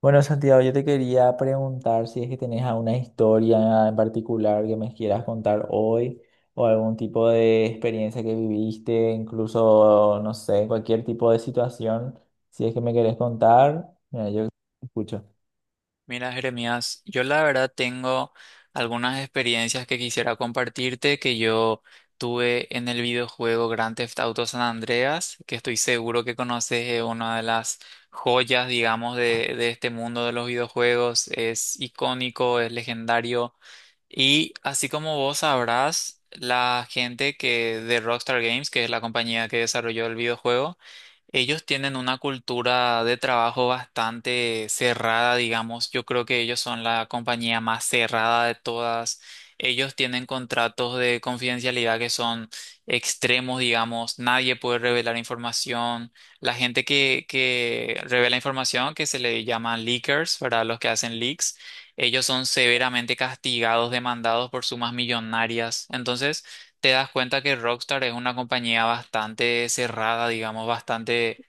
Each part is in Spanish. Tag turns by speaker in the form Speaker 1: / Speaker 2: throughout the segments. Speaker 1: Bueno, Santiago, yo te quería preguntar si es que tenés alguna historia en particular que me quieras contar hoy o algún tipo de experiencia que viviste, incluso, no sé, cualquier tipo de situación, si es que me querés contar, mira, yo escucho.
Speaker 2: Mira, Jeremías, yo la verdad tengo algunas experiencias que quisiera compartirte que yo tuve en el videojuego Grand Theft Auto San Andreas, que estoy seguro que conoces, es una de las joyas, digamos, de este mundo de los videojuegos. Es icónico, es legendario. Y así como vos sabrás, la gente que de Rockstar Games, que es la compañía que desarrolló el videojuego, ellos tienen una cultura de trabajo bastante cerrada, digamos. Yo creo que ellos son la compañía más cerrada de todas. Ellos tienen contratos de confidencialidad que son extremos, digamos. Nadie puede revelar información. La gente que revela información, que se le llaman leakers, para los que hacen leaks ellos son severamente castigados, demandados por sumas millonarias. Entonces, te das cuenta que Rockstar es una compañía bastante cerrada, digamos, bastante,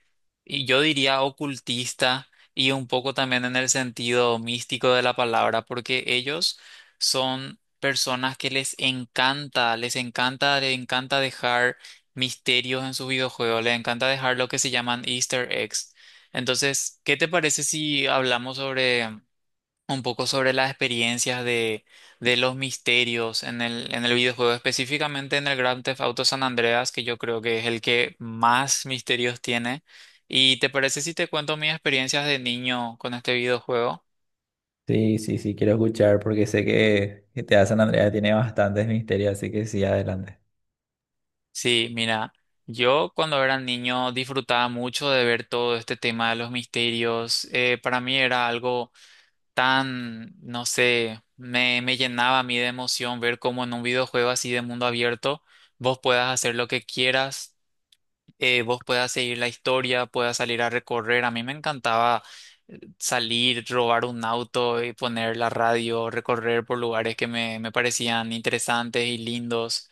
Speaker 2: y yo diría ocultista, y un poco también en el sentido místico de la palabra, porque ellos son personas que les encanta, les encanta, les encanta dejar misterios en sus videojuegos, les encanta dejar lo que se llaman Easter eggs. Entonces, ¿qué te parece si hablamos sobre un poco sobre las experiencias de los misterios en el videojuego, específicamente en el Grand Theft Auto San Andreas, que yo creo que es el que más misterios tiene? ¿Y te parece si te cuento mis experiencias de niño con este videojuego?
Speaker 1: Sí, sí, sí, quiero escuchar porque sé que te San Andrea tiene bastantes misterios, así que sí, adelante.
Speaker 2: Sí, mira, yo cuando era niño disfrutaba mucho de ver todo este tema de los misterios. Para mí era algo tan, no sé, me llenaba a mí de emoción ver cómo en un videojuego así de mundo abierto vos puedas hacer lo que quieras, vos puedas seguir la historia, puedas salir a recorrer. A mí me encantaba salir, robar un auto y poner la radio, recorrer por lugares que me parecían interesantes y lindos.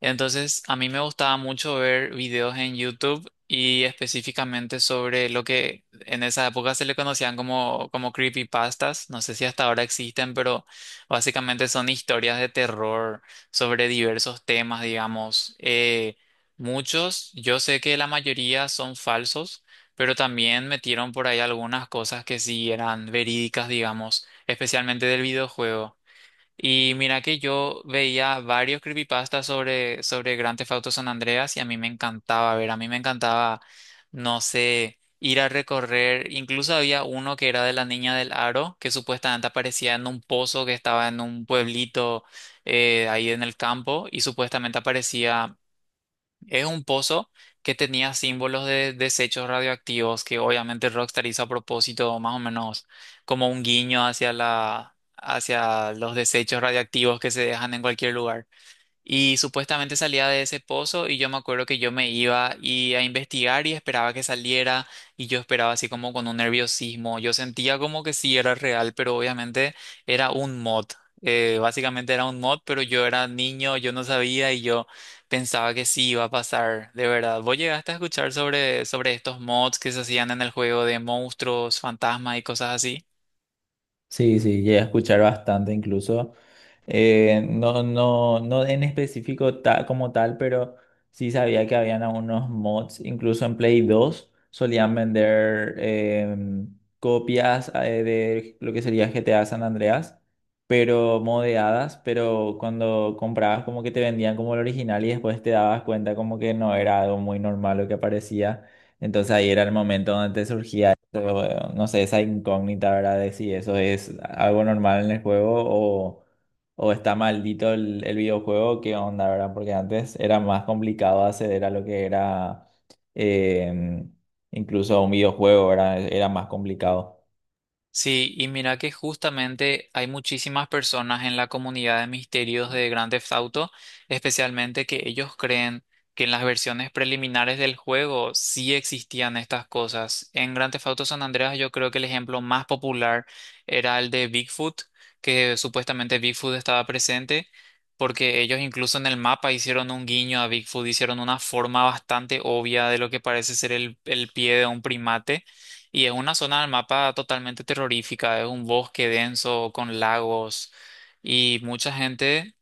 Speaker 2: Entonces, a mí me gustaba mucho ver videos en YouTube y específicamente sobre lo que en esa época se le conocían como, como creepypastas. No sé si hasta ahora existen, pero básicamente son historias de terror sobre diversos temas, digamos. Muchos, yo sé que la mayoría son falsos, pero también metieron por ahí algunas cosas que sí eran verídicas, digamos, especialmente del videojuego. Y mira que yo veía varios creepypastas sobre Grand Theft Auto San Andreas y a mí me encantaba, no sé, ir a recorrer. Incluso había uno que era de la niña del aro, que supuestamente aparecía en un pozo que estaba en un pueblito ahí en el campo y supuestamente aparecía es un pozo que tenía símbolos de desechos radioactivos que obviamente Rockstar hizo a propósito, más o menos como un guiño hacia hacia los desechos radioactivos que se dejan en cualquier lugar. Y supuestamente salía de ese pozo y yo me acuerdo que yo me iba y a investigar y esperaba que saliera y yo esperaba así como con un nerviosismo. Yo sentía como que sí era real, pero obviamente era un mod. Básicamente era un mod, pero yo era niño, yo no sabía y yo pensaba que sí iba a pasar, de verdad. ¿Vos llegaste a escuchar sobre estos mods que se hacían en el juego de monstruos, fantasmas y cosas así?
Speaker 1: Sí, sí, llegué a escuchar bastante incluso. No, no, no en específico como tal, pero sí sabía que habían algunos mods, incluso en Play 2 solían vender copias de lo que sería GTA San Andreas, pero modeadas, pero cuando comprabas como que te vendían como el original y después te dabas cuenta como que no era algo muy normal lo que aparecía. Entonces ahí era el momento donde te surgía, eso, no sé, esa incógnita, ¿verdad? De si eso es algo normal en el juego o está maldito el videojuego, ¿qué onda, verdad? Porque antes era más complicado acceder a lo que era eh, incluso un videojuego, ¿verdad? Era más complicado.
Speaker 2: Sí, y mira que justamente hay muchísimas personas en la comunidad de misterios de Grand Theft Auto, especialmente que ellos creen que en las versiones preliminares del juego sí existían estas cosas. En Grand Theft Auto San Andreas yo creo que el ejemplo más popular era el de Bigfoot, que supuestamente Bigfoot estaba presente, porque ellos incluso en el mapa hicieron un guiño a Bigfoot, hicieron una forma bastante obvia de lo que parece ser el pie de un primate. Y es una zona del mapa totalmente terrorífica, es un bosque denso con lagos y mucha gente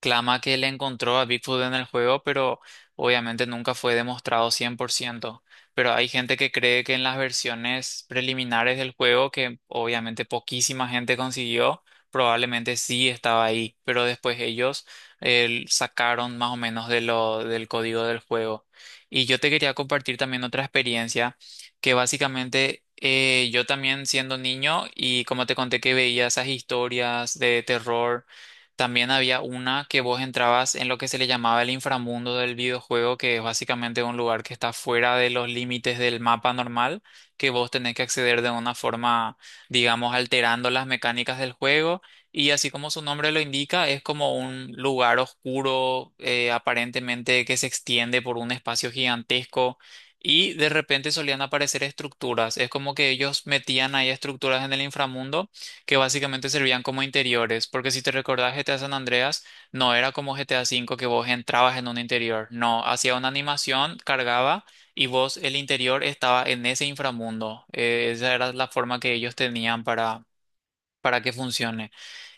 Speaker 2: clama que le encontró a Bigfoot en el juego, pero obviamente nunca fue demostrado 100%. Pero hay gente que cree que en las versiones preliminares del juego, que obviamente poquísima gente consiguió, probablemente sí estaba ahí, pero después ellos sacaron más o menos del código del juego. Y yo te quería compartir también otra experiencia que básicamente, yo también siendo niño y como te conté que veía esas historias de terror también había una que vos entrabas en lo que se le llamaba el inframundo del videojuego, que es básicamente un lugar que está fuera de los límites del mapa normal, que vos tenés que acceder de una forma, digamos, alterando las mecánicas del juego. Y así como su nombre lo indica, es como un lugar oscuro, aparentemente que se extiende por un espacio gigantesco. Y de repente solían aparecer estructuras. Es como que ellos metían ahí estructuras en el inframundo que básicamente servían como interiores, porque si te recordás GTA San Andreas, no era como GTA V que vos entrabas en un interior, no, hacía una animación, cargaba y vos el interior estaba en ese inframundo. Esa era la forma que ellos tenían para que funcione.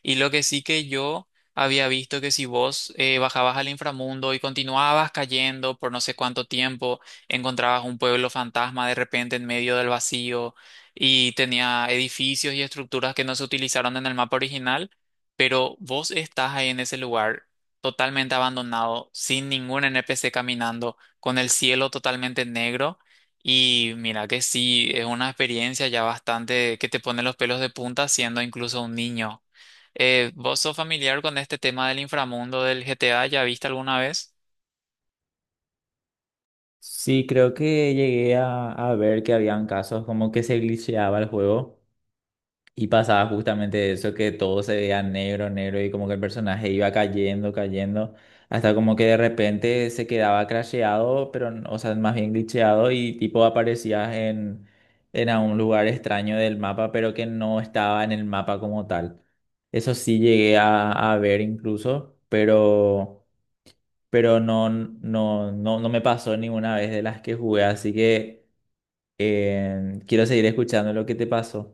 Speaker 2: Y lo que sí que yo había visto que si vos bajabas al inframundo y continuabas cayendo por no sé cuánto tiempo, encontrabas un pueblo fantasma de repente en medio del vacío y tenía edificios y estructuras que no se utilizaron en el mapa original, pero vos estás ahí en ese lugar totalmente abandonado, sin ningún NPC caminando, con el cielo totalmente negro. Y mira que sí, es una experiencia ya bastante que te pone los pelos de punta siendo incluso un niño. ¿Vos sos familiar con este tema del inframundo del GTA? ¿Ya viste alguna vez?
Speaker 1: Sí, creo que llegué a ver que habían casos como que se glitcheaba el juego. Y pasaba justamente eso que todo se veía negro, negro y como que el personaje iba cayendo, cayendo, hasta como que de repente se quedaba crasheado, pero, o sea, más bien glitcheado y tipo aparecías en a un lugar extraño del mapa, pero que no estaba en el mapa como tal. Eso sí llegué a ver incluso, pero no, no, no, no me pasó ninguna vez de las que jugué, así que quiero seguir escuchando lo que te pasó.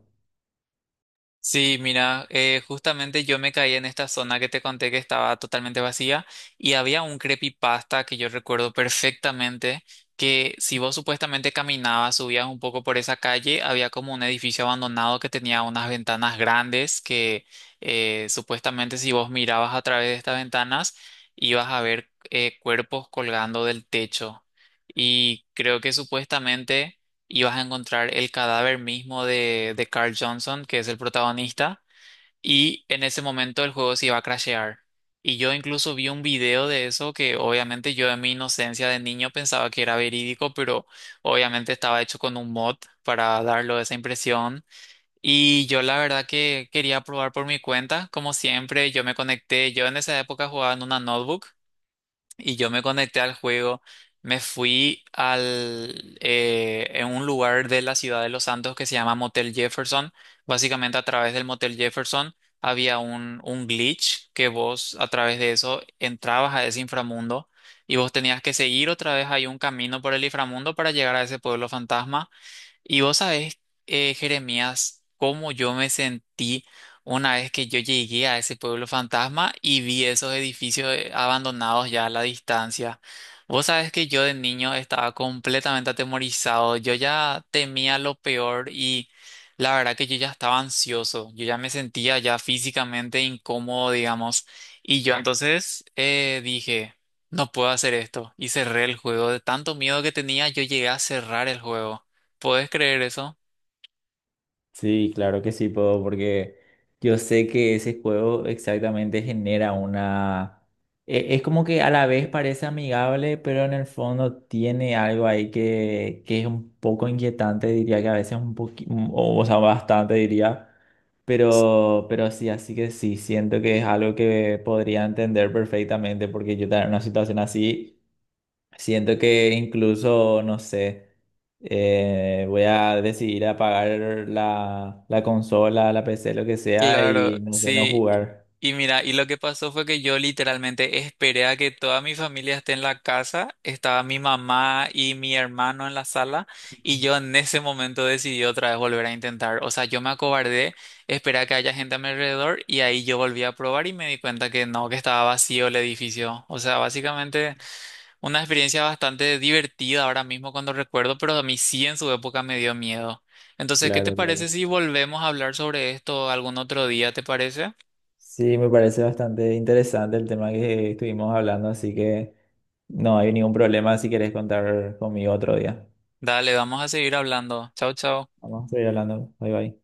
Speaker 2: Sí, mira, justamente yo me caí en esta zona que te conté que estaba totalmente vacía y había un creepypasta que yo recuerdo perfectamente que si vos supuestamente caminabas, subías un poco por esa calle, había como un edificio abandonado que tenía unas ventanas grandes que supuestamente si vos mirabas a través de estas ventanas ibas a ver cuerpos colgando del techo y creo que supuestamente y vas a encontrar el cadáver mismo de Carl Johnson, que es el protagonista, y en ese momento el juego se iba a crashear. Y yo incluso vi un video de eso que obviamente yo en mi inocencia de niño pensaba que era verídico, pero obviamente estaba hecho con un mod para darlo esa impresión. Y yo la verdad que quería probar por mi cuenta, como siempre, yo me conecté, yo en esa época jugaba en una notebook y yo me conecté al juego. Me fui en un lugar de la ciudad de Los Santos que se llama Motel Jefferson. Básicamente a través del Motel Jefferson había un glitch que vos a través de eso entrabas a ese inframundo y vos tenías que seguir otra vez ahí un camino por el inframundo para llegar a ese pueblo fantasma. Y vos sabés, Jeremías, cómo yo me sentí una vez que yo llegué a ese pueblo fantasma y vi esos edificios abandonados ya a la distancia. Vos sabés que yo de niño estaba completamente atemorizado, yo ya temía lo peor y la verdad que yo ya estaba ansioso, yo ya me sentía ya físicamente incómodo, digamos, y yo entonces dije, no puedo hacer esto y cerré el juego, de tanto miedo que tenía, yo llegué a cerrar el juego. ¿Puedes creer eso?
Speaker 1: Sí, claro que sí puedo, porque yo sé que ese juego exactamente genera una... Es como que a la vez parece amigable, pero en el fondo tiene algo ahí que es un poco inquietante, diría que a veces un poquito, o sea, bastante diría, pero sí, así que sí, siento que es algo que podría entender perfectamente, porque yo estaba en una situación así. Siento que incluso, no sé, voy a decidir apagar la consola, la PC, lo que sea,
Speaker 2: Claro,
Speaker 1: y no sé, no
Speaker 2: sí.
Speaker 1: jugar.
Speaker 2: Y mira, y lo que pasó fue que yo literalmente esperé a que toda mi familia esté en la casa, estaba mi mamá y mi hermano en la sala, y yo en ese momento decidí otra vez volver a intentar. O sea, yo me acobardé, esperé a que haya gente a mi alrededor, y ahí yo volví a probar y me di cuenta que no, que estaba vacío el edificio. O sea, básicamente... una experiencia bastante divertida ahora mismo cuando recuerdo, pero a mí sí en su época me dio miedo. Entonces, ¿qué te
Speaker 1: Claro,
Speaker 2: parece
Speaker 1: claro.
Speaker 2: si volvemos a hablar sobre esto algún otro día? ¿Te parece?
Speaker 1: Sí, me parece bastante interesante el tema que estuvimos hablando, así que no hay ningún problema si querés contar conmigo otro día.
Speaker 2: Dale, vamos a seguir hablando. Chao, chao.
Speaker 1: Vamos a seguir hablando. Bye bye.